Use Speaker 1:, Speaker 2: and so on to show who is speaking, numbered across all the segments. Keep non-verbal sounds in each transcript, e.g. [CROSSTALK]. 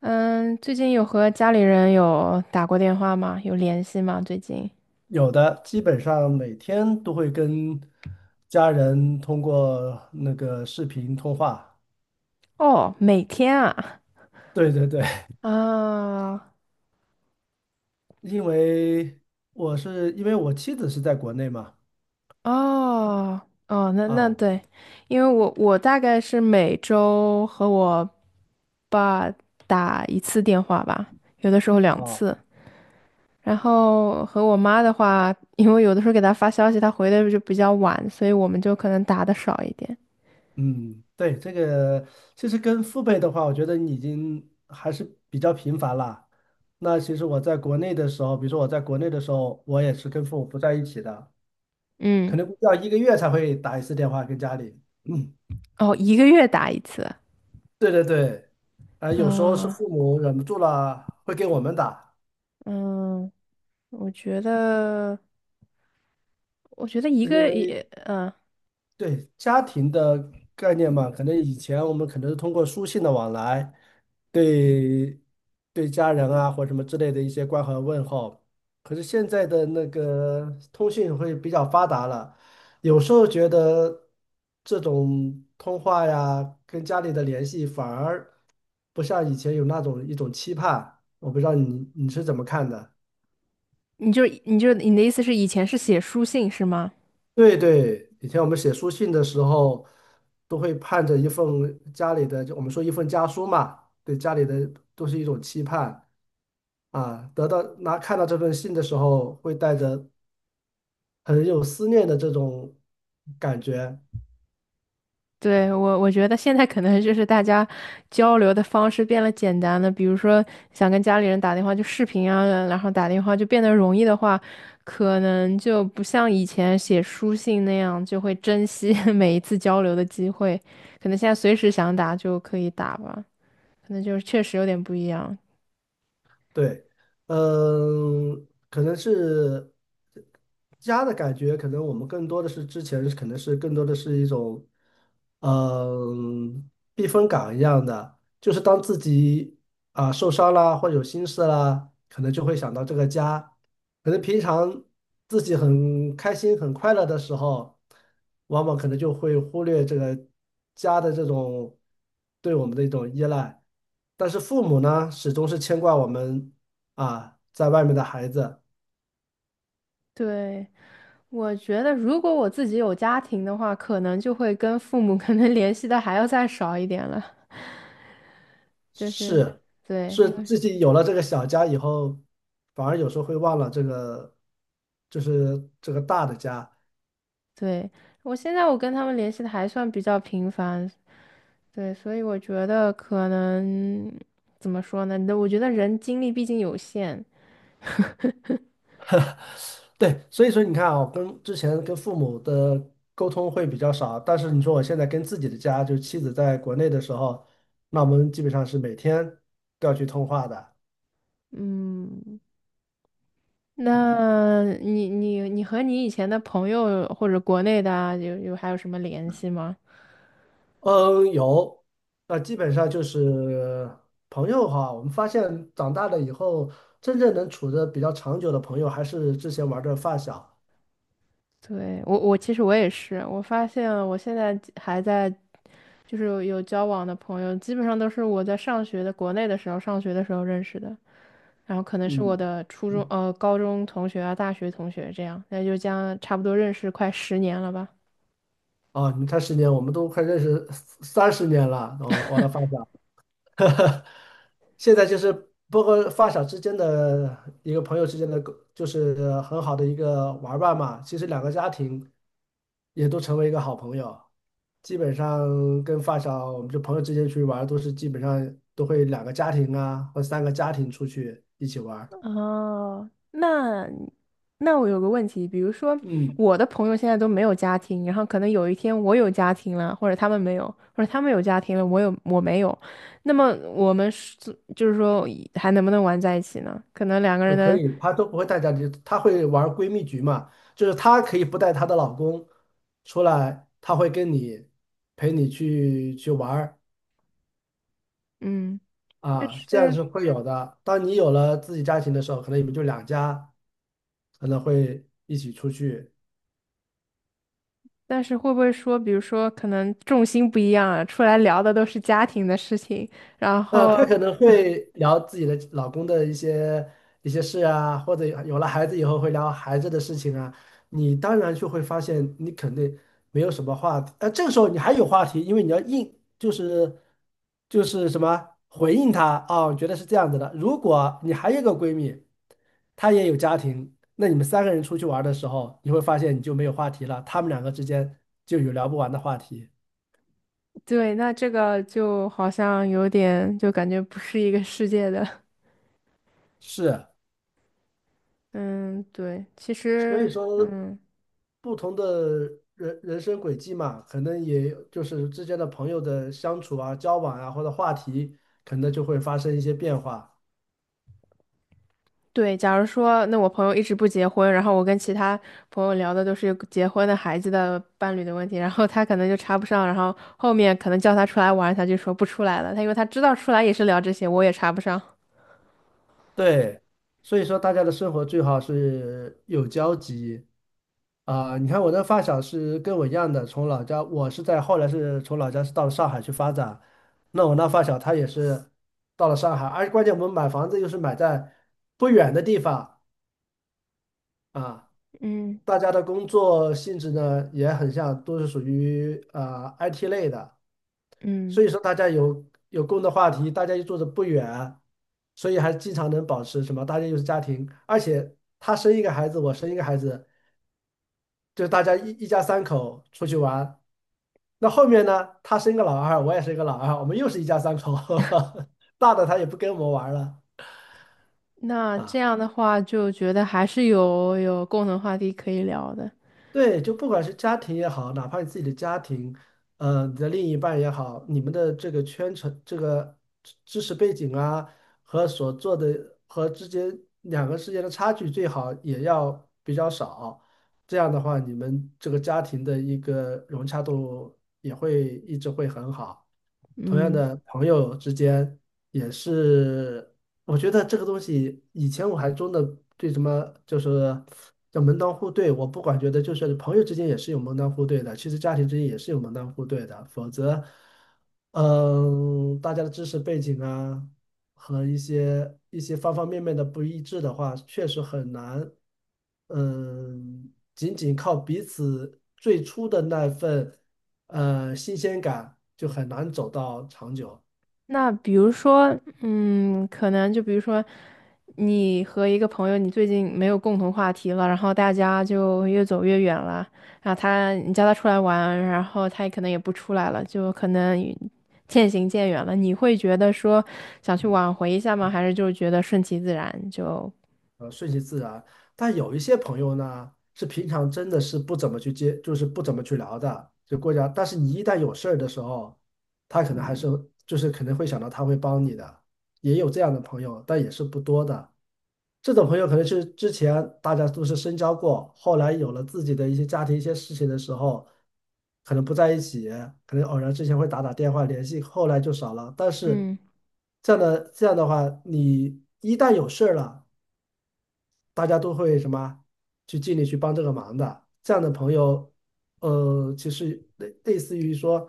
Speaker 1: 嗯，最近有和家里人有打过电话吗？有联系吗？最近？
Speaker 2: 有的，基本上每天都会跟家人通过那个视频通话。
Speaker 1: 哦，每天啊。
Speaker 2: 对对对，
Speaker 1: 啊。
Speaker 2: [LAUGHS] 因为因为我妻子是在国内嘛，
Speaker 1: 哦。哦，那
Speaker 2: 啊
Speaker 1: 对。因为我大概是每周和我爸打一次电话吧，有的时候两
Speaker 2: 啊，
Speaker 1: 次。然后和我妈的话，因为有的时候给她发消息，她回的就比较晚，所以我们就可能打的少一点。
Speaker 2: 嗯，对，这个其实跟父辈的话，我觉得你已经还是比较频繁了。那其实我在国内的时候，比如说我在国内的时候，我也是跟父母不在一起的，可
Speaker 1: 嗯，
Speaker 2: 能要一个月才会打一次电话跟家里。[CLEARS THROAT] 嗯。
Speaker 1: 哦，一个月打一次。
Speaker 2: 对对对，啊、有时候是
Speaker 1: 啊，
Speaker 2: 父母忍不住了，会给我们打，
Speaker 1: 嗯。我觉得，我觉得一
Speaker 2: 因
Speaker 1: 个
Speaker 2: 为
Speaker 1: 也，
Speaker 2: 对家庭的概念嘛，可能以前我们可能是通过书信的往来，对对家人啊或什么之类的一些关怀问候，可是现在的那个通讯会比较发达了，有时候觉得这种通话呀，跟家里的联系反而不像以前有那种一种期盼，我不知道你是怎么看的。
Speaker 1: 你的意思是以前是写书信是吗？
Speaker 2: 对对，以前我们写书信的时候，都会盼着一份家里的，就我们说一份家书嘛，对家里的都是一种期盼啊。得到拿看到这份信的时候，会带着很有思念的这种感觉。
Speaker 1: 对，我觉得现在可能就是大家交流的方式变了简单了。比如说想跟家里人打电话就视频啊，然后打电话就变得容易的话，可能就不像以前写书信那样就会珍惜 [LAUGHS] 每一次交流的机会。可能现在随时想打就可以打吧，可能就是确实有点不一样。
Speaker 2: 对，嗯，可能是家的感觉，可能我们更多的是之前可能是更多的是一种，嗯，避风港一样的，就是当自己啊、受伤啦或有心事啦，可能就会想到这个家。可能平常自己很开心、很快乐的时候，往往可能就会忽略这个家的这种对我们的一种依赖。但是父母呢，始终是牵挂我们啊，在外面的孩子。
Speaker 1: 对。我觉得，如果我自己有家庭的话，可能就会跟父母 [LAUGHS] 可能联系的还要再少一点了。就是，
Speaker 2: 是
Speaker 1: 对，
Speaker 2: 是
Speaker 1: 因为
Speaker 2: 自己有了这个小家以后，反而有时候会忘了这个，就是这个大的家。
Speaker 1: 对我现在我跟他们联系的还算比较频繁。对，所以我觉得可能怎么说呢？我觉得人精力毕竟有限。[LAUGHS]
Speaker 2: 对，所以说你看啊，跟之前跟父母的沟通会比较少，但是你说我现在跟自己的家，就是妻子在国内的时候，那我们基本上是每天都要去通话的。
Speaker 1: 嗯，那你和你以前的朋友或者国内的啊，有还有什么联系吗？
Speaker 2: 嗯，有，那基本上就是朋友哈，我们发现长大了以后，真正能处的比较长久的朋友，还是之前玩的发小。
Speaker 1: 对，我其实我也是。我发现我现在还在，就是有交往的朋友，基本上都是我在上学的国内的时候，上学的时候认识的。然后可能是我
Speaker 2: 嗯，
Speaker 1: 的初中高中同学啊，大学同学这样，那就将差不多认识快10年了吧。
Speaker 2: 啊，你看十年，我们都快认识30年了，我的发
Speaker 1: [LAUGHS]
Speaker 2: 小。[LAUGHS] 现在就是包括发小之间的一个朋友之间的，就是很好的一个玩伴嘛。其实两个家庭也都成为一个好朋友，基本上跟发小，我们就朋友之间出去玩儿都是基本上都会两个家庭啊，或三个家庭出去一起玩儿。
Speaker 1: 哦，那我有个问题。比如说
Speaker 2: 嗯，
Speaker 1: 我的朋友现在都没有家庭，然后可能有一天我有家庭了，或者他们没有，或者他们有家庭了，我有我没有，那么我们是就是说还能不能玩在一起呢？可能两个人
Speaker 2: 我可
Speaker 1: 的
Speaker 2: 以，她都不会带家庭，她会玩闺蜜局嘛，就是她可以不带她的老公出来，她会跟你陪你去玩儿。
Speaker 1: 嗯。但
Speaker 2: 啊，这样
Speaker 1: 是
Speaker 2: 是会有的。当你有了自己家庭的时候，可能你们就两家可能会一起出去，
Speaker 1: 但是会不会说，比如说可能重心不一样啊，出来聊的都是家庭的事情，然后
Speaker 2: 她可能会聊自己的老公的一些事啊，或者有了孩子以后会聊孩子的事情啊。你当然就会发现，你肯定没有什么话题。这个时候你还有话题，因为你要应，就是什么回应她啊，我觉得是这样子的。如果你还有一个闺蜜，她也有家庭，那你们三个人出去玩儿的时候，你会发现你就没有话题了，他们两个之间就有聊不完的话题。
Speaker 1: 对，那这个就好像有点就感觉不是一个世界的。
Speaker 2: 是，
Speaker 1: 嗯，对，其
Speaker 2: 所以
Speaker 1: 实，
Speaker 2: 说。
Speaker 1: 嗯，
Speaker 2: 不同的人生轨迹嘛，可能也就是之间的朋友的相处啊、交往啊，或者话题，可能就会发生一些变化。
Speaker 1: 对，假如说，那我朋友一直不结婚，然后我跟其他朋友聊的都是结婚的孩子的伴侣的问题，然后他可能就插不上，然后后面可能叫他出来玩，他就说不出来了，他因为他知道出来也是聊这些，我也插不上。
Speaker 2: 对，所以说大家的生活最好是有交集啊、你看我的发小是跟我一样的，从老家，我是在后来是从老家是到了上海去发展，那我那发小他也是到了上海，而关键我们买房子又是买在不远的地方啊。
Speaker 1: 嗯。
Speaker 2: 大家的工作性质呢也很像，都是属于啊、IT 类的，所
Speaker 1: 嗯，
Speaker 2: 以说大家有共同的话题，大家又住的不远，所以还经常能保持什么，大家又是家庭，而且他生一个孩子，我生一个孩子，就是大家一家三口出去玩。那后面呢，他生个老二，我也生个老二，我们又是一家三口，[LAUGHS] 大的他也不跟我们玩了。
Speaker 1: 那这
Speaker 2: 啊。
Speaker 1: 样的话就觉得还是有共同话题可以聊的。
Speaker 2: 对，就不管是家庭也好，哪怕你自己的家庭，你的另一半也好，你们的这个圈层、这个知识背景啊，和所做的和之间两个之间的差距，最好也要比较少。这样的话，你们这个家庭的一个融洽度也会一直会很好。同样
Speaker 1: 嗯。
Speaker 2: 的朋友之间也是，我觉得这个东西以前我还真的对什么就是叫门当户对，我不管觉得就是朋友之间也是有门当户对的，其实家庭之间也是有门当户对的，否则，嗯，大家的知识背景啊和一些方方面面的不一致的话，确实很难，嗯，仅仅靠彼此最初的那份。新鲜感就很难走到长久，
Speaker 1: 那比如说，嗯，可能就比如说，你和一个朋友，你最近没有共同话题了，然后大家就越走越远了。然后他，你叫他出来玩，然后他也可能也不出来了，就可能与渐行渐远了。你会觉得说想去挽回一下吗？还是就觉得顺其自然就？
Speaker 2: 顺其自然。但有一些朋友呢，是平常真的是不怎么去接，就是不怎么去聊的，就过家。但是你一旦有事儿的时候，他可能还是就是可能会想到他会帮你的，也有这样的朋友，但也是不多的。这种朋友可能是之前大家都是深交过，后来有了自己的一些家庭、一些事情的时候，可能不在一起，可能偶然之前会打打电话联系，后来就少了。但是
Speaker 1: 嗯。
Speaker 2: 这样的话，你一旦有事儿了，大家都会什么去尽力去帮这个忙的。这样的朋友，其实类似于说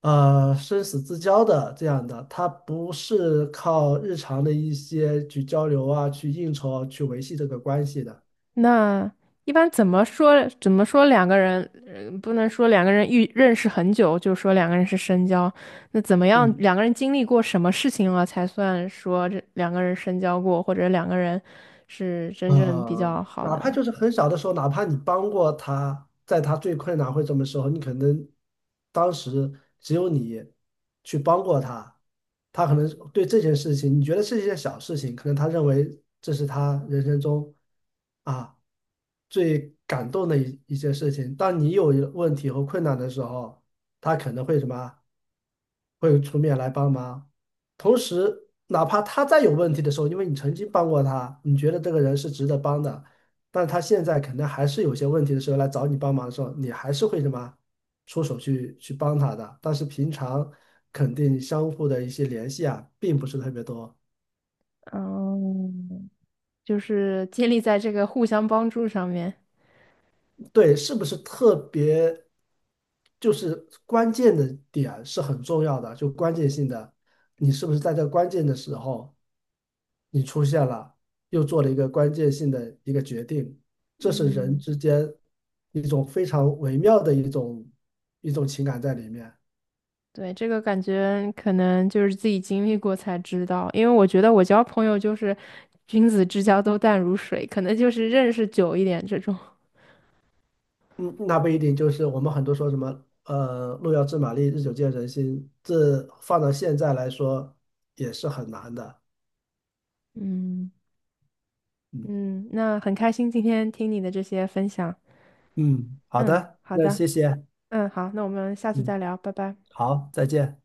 Speaker 2: 生死之交的这样的，它不是靠日常的一些去交流啊、去应酬啊、去维系这个关系的。
Speaker 1: 那一般怎么说？怎么说两个人？不能说两个人遇认识很久，就说两个人是深交。那怎么样？
Speaker 2: 嗯。
Speaker 1: 两个人经历过什么事情了，才算说这两个人深交过，或者两个人是真正比较好
Speaker 2: 哪
Speaker 1: 的
Speaker 2: 怕
Speaker 1: 呢？
Speaker 2: 就是很小的时候，哪怕你帮过他，在他最困难或者什么时候，你可能当时只有你去帮过他，他可能对这件事情，你觉得是一件小事情，可能他认为这是他人生中啊最感动的一件事情。当你有问题和困难的时候，他可能会什么啊，会出面来帮忙。同时，哪怕他再有问题的时候，因为你曾经帮过他，你觉得这个人是值得帮的，但他现在可能还是有些问题的时候来找你帮忙的时候，你还是会什么出手去帮他的。但是平常肯定相互的一些联系啊，并不是特别多。
Speaker 1: 嗯，就是建立在这个互相帮助上面。
Speaker 2: 对，是不是特别，就是关键的点是很重要的，就关键性的，你是不是在这个关键的时候，你出现了，又做了一个关键性的一个决定，这是人
Speaker 1: 嗯。
Speaker 2: 之间一种非常微妙的一种情感在里面。
Speaker 1: 对，这个感觉可能就是自己经历过才知道，因为我觉得我交朋友就是君子之交都淡如水，可能就是认识久一点这种
Speaker 2: 嗯，那不一定，就是我们很多说什么，路遥知马力，日久见人心，这放到现在来说也是很难的。
Speaker 1: [LAUGHS]。嗯，
Speaker 2: 嗯
Speaker 1: 嗯，那很开心今天听你的这些分享。
Speaker 2: 嗯，好
Speaker 1: 嗯，
Speaker 2: 的，
Speaker 1: 好
Speaker 2: 那
Speaker 1: 的，
Speaker 2: 谢谢。
Speaker 1: 嗯，好，那我们下次
Speaker 2: 嗯，
Speaker 1: 再聊，拜拜。
Speaker 2: 好，再见。